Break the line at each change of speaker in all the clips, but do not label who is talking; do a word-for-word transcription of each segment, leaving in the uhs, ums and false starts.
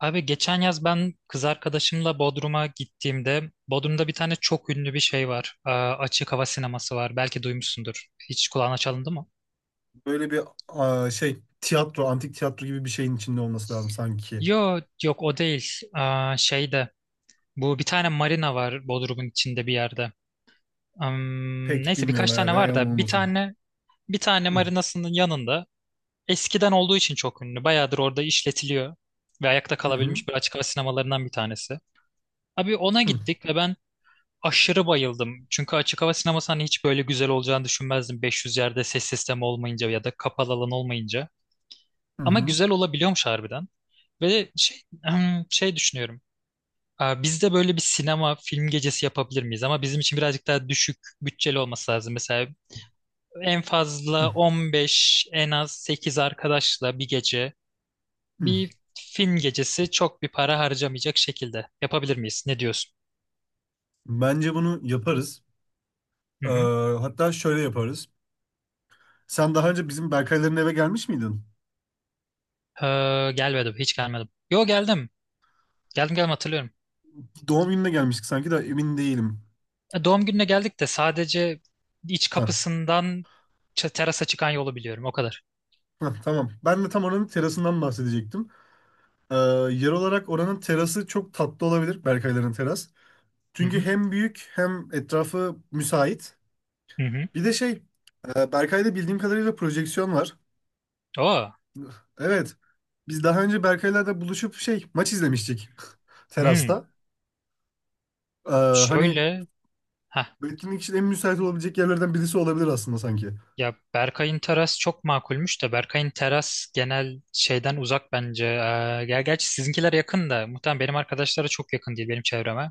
Abi geçen yaz ben kız arkadaşımla Bodrum'a gittiğimde Bodrum'da bir tane çok ünlü bir şey var. Ee, açık hava sineması var. Belki duymuşsundur. Hiç kulağına çalındı mı?
Böyle bir aa, şey tiyatro, antik tiyatro gibi bir şeyin içinde olması lazım sanki.
Yo, yok o değil. Ee, şeyde bu bir tane marina var Bodrum'un içinde bir yerde. Hmm,
Pek
neyse
bilmiyorum
birkaç
herhalde.
tane var
Yalan
da bir
olmasın.
tane bir tane
Hı
marinasının yanında eskiden olduğu için çok ünlü. Bayağıdır orada işletiliyor ve ayakta
hı hı
kalabilmiş bir açık hava sinemalarından bir tanesi. Abi ona
hı
gittik ve ben aşırı bayıldım. Çünkü açık hava sineması hani hiç böyle güzel olacağını düşünmezdim. beş yüz yerde ses sistemi olmayınca ya da kapalı alan olmayınca. Ama
hı
güzel olabiliyormuş harbiden. Ve şey, şey düşünüyorum. Aa, Biz de böyle bir sinema film gecesi yapabilir miyiz? Ama bizim için birazcık daha düşük bütçeli olması lazım. Mesela en
hı.
fazla on beş, en az sekiz arkadaşla bir gece
Hı.
bir film gecesi çok bir para harcamayacak şekilde yapabilir miyiz? Ne diyorsun?
Bence bunu yaparız.
Hı
Ee,
hı.
Hatta şöyle yaparız. Sen daha önce bizim Berkayların eve gelmiş miydin?
Ee, gelmedim, hiç gelmedim. Yo geldim. Geldim geldim hatırlıyorum.
Doğum gününe gelmiştik sanki de emin değilim.
E, Doğum gününe geldik de sadece iç
Ha.
kapısından ç- terasa çıkan yolu biliyorum o kadar.
Ha, tamam. Ben de tam oranın terasından bahsedecektim. Ee, Yer olarak oranın terası çok tatlı olabilir. Berkayların teras.
Hı
Çünkü
hı.
hem büyük hem etrafı müsait.
Hı hı.
Bir de şey, e, Berkay'da bildiğim kadarıyla projeksiyon var.
Oo.
Evet. Biz daha önce Berkay'la da buluşup şey, maç izlemiştik
Hmm.
terasta. E, Hani
Şöyle. Ha.
bu etkinlik için en müsait olabilecek yerlerden birisi olabilir aslında sanki.
Ya Berkay'ın teras çok makulmüş de Berkay'ın teras genel şeyden uzak bence. Ee, ger gerçi sizinkiler yakın da muhtemelen benim arkadaşlara çok yakın değil benim çevreme.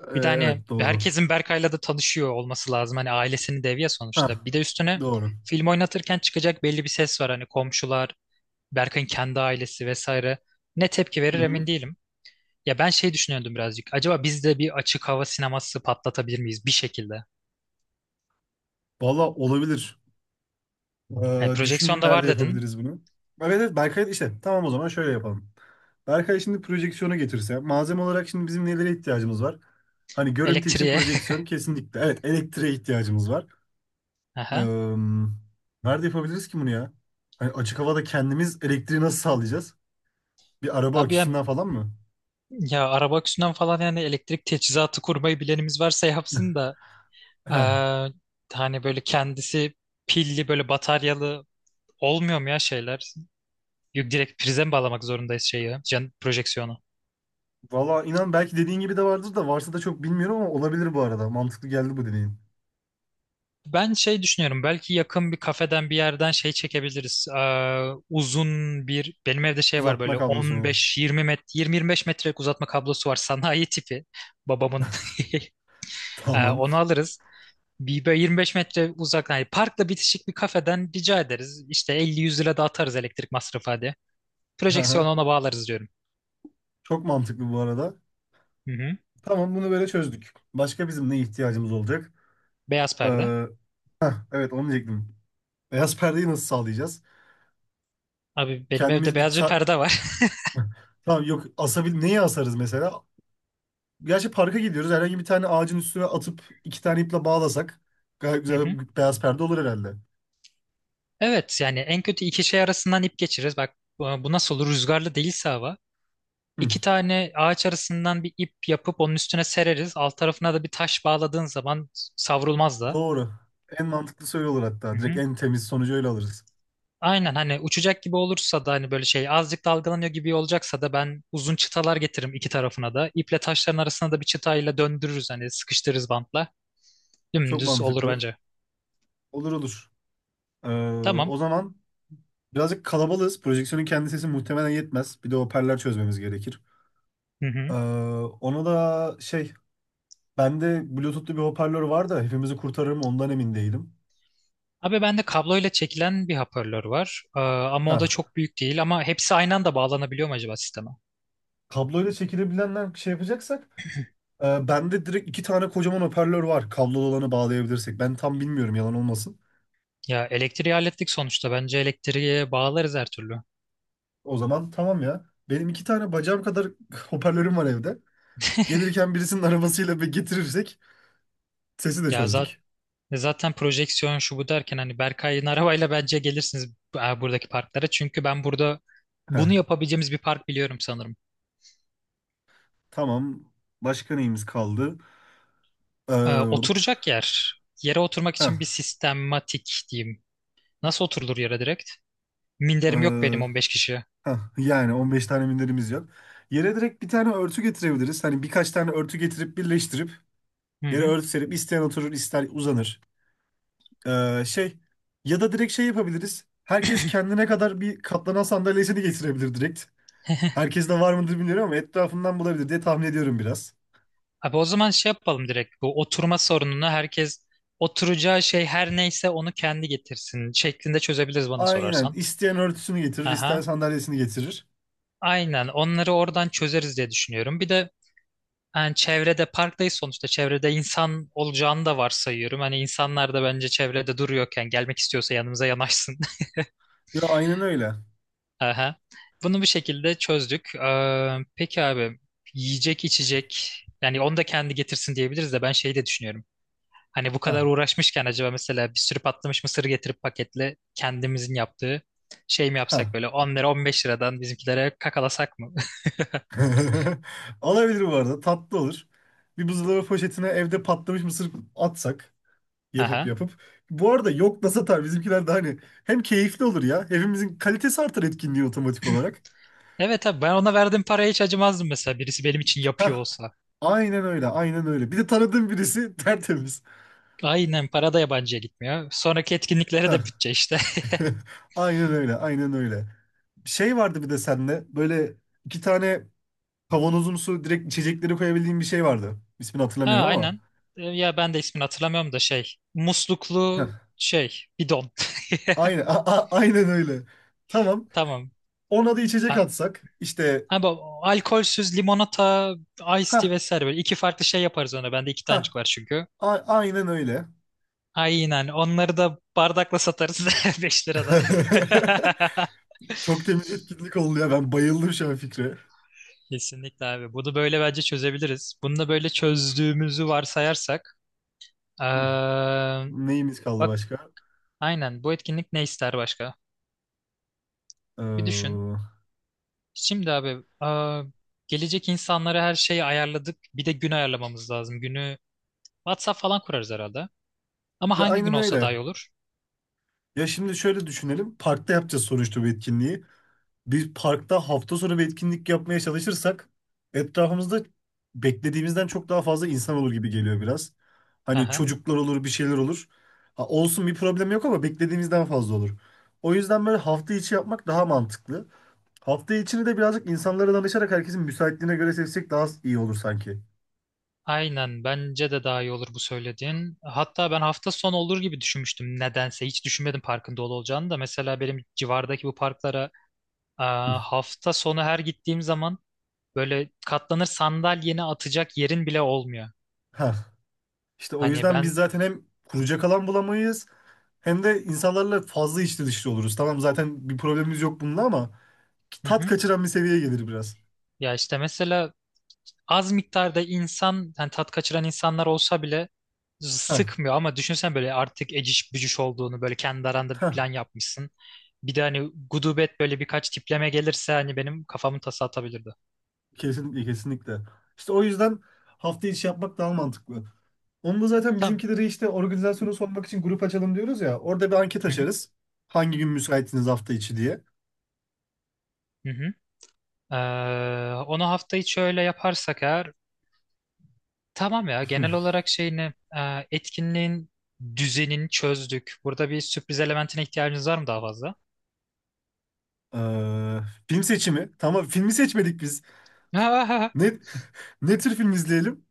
E,
Bir de hani
evet doğru.
herkesin Berkay'la da tanışıyor olması lazım. Hani ailesini deviye
Ha,
sonuçta. Bir de üstüne
doğru.
film oynatırken çıkacak belli bir ses var. Hani komşular Berkay'ın kendi ailesi vesaire ne tepki verir
Hı
emin
hı.
değilim. Ya ben şey düşünüyordum birazcık. Acaba biz de bir açık hava sineması patlatabilir miyiz bir şekilde?
Valla olabilir.
Yani
E, düşüneyim
projeksiyon da
nerede
var dedin.
yapabiliriz bunu. Evet evet, Berkay işte, tamam o zaman şöyle yapalım. Berkay şimdi projeksiyonu getirse, malzeme olarak şimdi bizim nelere ihtiyacımız var? Hani görüntü için
Elektriğe.
projeksiyon kesinlikle. Evet, elektriğe ihtiyacımız var.
Aha.
Eee, Nerede yapabiliriz ki bunu ya? Hani açık havada kendimiz elektriği nasıl sağlayacağız? Bir araba
Abi ya,
aküsünden falan mı?
ya araba aküsünden falan yani elektrik teçhizatı kurmayı bilenimiz varsa yapsın da
Heh.
eee, hani böyle kendisi pilli böyle bataryalı olmuyor mu ya şeyler? Yok direkt prize mi bağlamak zorundayız şeyi, can, projeksiyonu?
Valla inan, belki dediğin gibi de vardır, da varsa da çok bilmiyorum, ama olabilir bu arada. Mantıklı geldi bu dediğin.
Ben şey düşünüyorum belki yakın bir kafeden bir yerden şey çekebiliriz. Ee, uzun bir benim evde şey var
Uzatma
böyle
kablosunu.
on beş yirmi met yirmi yirmi beş metrelik uzatma kablosu var sanayi tipi babamın. Ee,
Tamam.
onu alırız. Bir böyle yirmi beş metre uzak hani parkla bitişik bir kafeden rica ederiz. İşte elli yüz lira da atarız elektrik masrafı hadi.
Hı
Projeksiyonu
hı.
ona bağlarız diyorum.
Çok mantıklı bu arada.
Hı hı.
Tamam, bunu böyle çözdük. Başka bizim ne ihtiyacımız olacak?
Beyaz perde.
Ee, evet onu diyecektim. Beyaz perdeyi nasıl sağlayacağız?
Abi benim evde
Kendimiz bir
beyaz bir
ça...
perde var.
Tamam, yok asabil neyi asarız mesela? Gerçi parka gidiyoruz. Herhangi bir tane ağacın üstüne atıp iki tane iple bağlasak gayet
Hı hı.
güzel bir beyaz perde olur herhalde.
Evet yani en kötü iki şey arasından ip geçiririz. Bak bu nasıl olur rüzgarlı değilse hava.
Hı,
İki tane ağaç arasından bir ip yapıp onun üstüne sereriz. Alt tarafına da bir taş bağladığın zaman savrulmaz da.
doğru. En mantıklısı öyle olur
Hı
hatta. Direkt
hı.
en temiz sonucu öyle alırız.
Aynen hani uçacak gibi olursa da hani böyle şey azıcık dalgalanıyor gibi olacaksa da ben uzun çıtalar getiririm iki tarafına da. İple taşların arasına da bir çıtayla döndürürüz hani sıkıştırırız bantla.
Çok
Dümdüz olur
mantıklı.
bence.
Olur olur. Ee,
Tamam.
O zaman birazcık kalabalığız. Projeksiyonun kendi sesi muhtemelen yetmez. Bir de hoparlör çözmemiz gerekir.
Hı
Ee,
hı.
Ona da şey bende Bluetooth'lu bir hoparlör var da hepimizi kurtarır mı ondan emin değilim.
Abi bende kabloyla çekilen bir hoparlör var. Ee, ama
Ha,
o da çok büyük değil ama hepsi aynı anda bağlanabiliyor mu acaba sisteme?
kabloyla çekilebilenler şey yapacaksak, Ee, bende direkt iki tane kocaman hoparlör var. Kablolu olanı bağlayabilirsek. Ben tam bilmiyorum, yalan olmasın.
Ya elektriği hallettik sonuçta. Bence elektriğe bağlarız her türlü.
O zaman tamam ya. Benim iki tane bacağım kadar hoparlörüm var evde. Gelirken birisinin arabasıyla bir getirirsek sesi de
Ya zaten
çözdük.
Ve Zaten projeksiyon şu bu derken hani Berkay'ın arabayla bence gelirsiniz e, buradaki parklara. Çünkü ben burada
Heh,
bunu yapabileceğimiz bir park biliyorum sanırım.
tamam. Başka neyimiz kaldı?
E,
Ee, Hop.
oturacak yer. Yere oturmak
Heh,
için bir sistematik diyeyim. Nasıl oturulur yere direkt? Minderim yok benim
ee,
on beş kişiye.
heh. Yani on beş tane minderimiz yok. Yere direkt bir tane örtü getirebiliriz. Hani birkaç tane örtü getirip birleştirip
Hı
yere
hı.
örtü serip isteyen oturur, ister uzanır. Ee, şey Ya da direkt şey yapabiliriz. Herkes kendine kadar bir katlanan sandalyesini getirebilir direkt. Herkes de var mıdır bilmiyorum ama etrafından bulabilir diye tahmin ediyorum biraz.
Abi o zaman şey yapalım direkt. Bu oturma sorununu herkes oturacağı şey her neyse onu kendi getirsin şeklinde çözebiliriz bana
Aynen.
sorarsan.
İsteyen örtüsünü getirir, isteyen
Aha.
sandalyesini getirir.
Aynen onları oradan çözeriz diye düşünüyorum. Bir de Yani çevrede parktayız sonuçta. Çevrede insan olacağını da varsayıyorum. Hani insanlar da bence çevrede duruyorken gelmek istiyorsa yanımıza yanaşsın.
Ya aynen öyle.
Aha. Bunu bir şekilde çözdük. Ee, peki abi yiyecek içecek yani onu da kendi getirsin diyebiliriz de ben şeyi de düşünüyorum. Hani bu kadar
Ha.
uğraşmışken acaba mesela bir sürü patlamış mısır getirip paketle kendimizin yaptığı şey mi
Ha.
yapsak böyle on lira on beş liradan bizimkilere kakalasak mı?
Olabilir bu arada. Tatlı olur. Bir buzdolabı poşetine evde patlamış mısır atsak yapıp
Aha.
yapıp. Bu arada yok da satar bizimkiler de, hani hem keyifli olur ya, hepimizin kalitesi artar etkinliği otomatik olarak.
Evet abi ben ona verdiğim paraya hiç acımazdım mesela birisi benim için yapıyor olsa.
Aynen öyle, aynen öyle. Bir de tanıdığım birisi tertemiz.
Aynen para da yabancıya gitmiyor. Sonraki etkinliklere
Hah.
de bütçe işte.
Aynen öyle, aynen öyle. Şey vardı bir de seninle böyle iki tane kavanozumsu direkt içecekleri koyabildiğim bir şey vardı. İsmini
Ha
hatırlamıyorum ama.
aynen. E, Ya ben de ismini hatırlamıyorum da şey. Musluklu
Hah.
şey bidon.
Aynen, a- a- aynen öyle. Tamam.
Tamam.
Ona da içecek
Ha,
atsak işte.
ama alkolsüz limonata, ice
Ha,
tea vesaire böyle iki farklı şey yaparız ona. Bende iki
ha,
tanecik var çünkü.
aynen öyle.
Aynen. Onları da bardakla satarız beş liradan.
Çok temiz etkinlik oldu ya. Ben bayıldım şu an fikre.
Kesinlikle abi. Bunu böyle bence çözebiliriz. Bunu da böyle çözdüğümüzü varsayarsak. eee,
Hı. Neyimiz kaldı
bak
başka?
aynen bu etkinlik ne ister başka? Bir düşün.
Ee,
Şimdi abi aa, gelecek insanlara her şeyi ayarladık. Bir de gün ayarlamamız lazım. Günü WhatsApp falan kurarız herhalde. Ama
Ya
hangi gün
aynen
olsa
öyle.
daha iyi olur?
Ya şimdi şöyle düşünelim. Parkta yapacağız sonuçta bu etkinliği. Bir parkta hafta sonu bir etkinlik yapmaya çalışırsak etrafımızda beklediğimizden çok daha fazla insan olur gibi geliyor biraz.
Hı
Hani
hı.
çocuklar olur, bir şeyler olur. Ha, olsun, bir problem yok, ama beklediğimizden fazla olur. O yüzden böyle hafta içi yapmak daha mantıklı. Hafta içini de birazcık insanlara danışarak herkesin müsaitliğine göre seçsek daha iyi olur sanki.
Aynen bence de daha iyi olur bu söylediğin. Hatta ben hafta sonu olur gibi düşünmüştüm nedense. Hiç düşünmedim parkın dolu olacağını da. Mesela benim civardaki bu parklara aa, hafta sonu her gittiğim zaman böyle katlanır sandalyeni atacak yerin bile olmuyor.
Ha, işte o
Hani
yüzden biz
ben...
zaten hem kuracak alan bulamayız, hem de insanlarla fazla içli dışlı oluruz. Tamam, zaten bir problemimiz yok bununla ama
Hı
tat
hı.
kaçıran bir seviyeye gelir biraz.
Ya işte mesela az miktarda insan yani tat kaçıran insanlar olsa bile
Heh,
sıkmıyor ama düşünsen böyle artık eciş bücüş olduğunu böyle kendi aranda bir
heh,
plan yapmışsın. Bir de hani gudubet böyle birkaç tipleme gelirse hani benim kafamın tası atabilirdi.
kesin, kesinlikle. İşte o yüzden hafta içi yapmak daha mantıklı. Onu da zaten
Tamam.
bizimkileri, işte organizasyonu sormak için grup açalım diyoruz ya. Orada bir anket
Hı hı.
açarız. Hangi gün müsaitsiniz hafta içi diye.
Hı hı. Ee, onu hafta içi öyle yaparsak eğer tamam ya genel olarak şeyini e, etkinliğin düzenini çözdük. Burada bir sürpriz elementine ihtiyacınız var mı daha fazla?
Ee, Film seçimi. Tamam, filmi seçmedik biz. Ne, ne tür film izleyelim?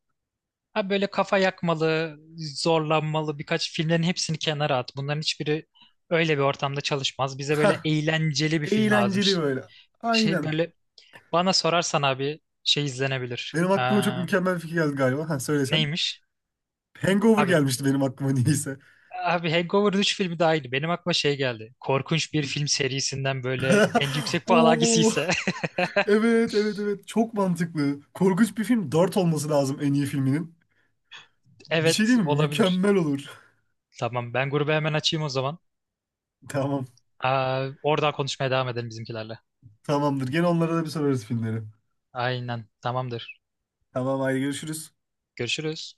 Ha böyle kafa yakmalı, zorlanmalı birkaç filmlerin hepsini kenara at. Bunların hiçbiri öyle bir ortamda çalışmaz. Bize böyle
Hah,
eğlenceli bir film lazım.
eğlenceli
Ş-
böyle.
Şey
Aynen.
böyle bana sorarsan abi şey izlenebilir.
Benim
Ee,
aklıma çok mükemmel bir fikir geldi galiba. Ha, söylesen.
neymiş?
Hangover
Abi
gelmişti benim aklıma niyeyse.
abi Hangover üç filmi daha iyiydi. Benim aklıma şey geldi. Korkunç bir film serisinden böyle en yüksek puan
Oo,
hangisiyse.
evet evet evet, çok mantıklı. Korkunç Bir Film dört olması lazım en iyi filminin. Bir Şey
Evet
değil mi?
olabilir.
Mükemmel olur.
Tamam ben grubu hemen açayım o zaman.
Tamam,
Aa, oradan konuşmaya devam edelim bizimkilerle.
tamamdır. Gene onlara da bir sorarız filmleri.
Aynen tamamdır.
Tamam, haydi görüşürüz.
Görüşürüz.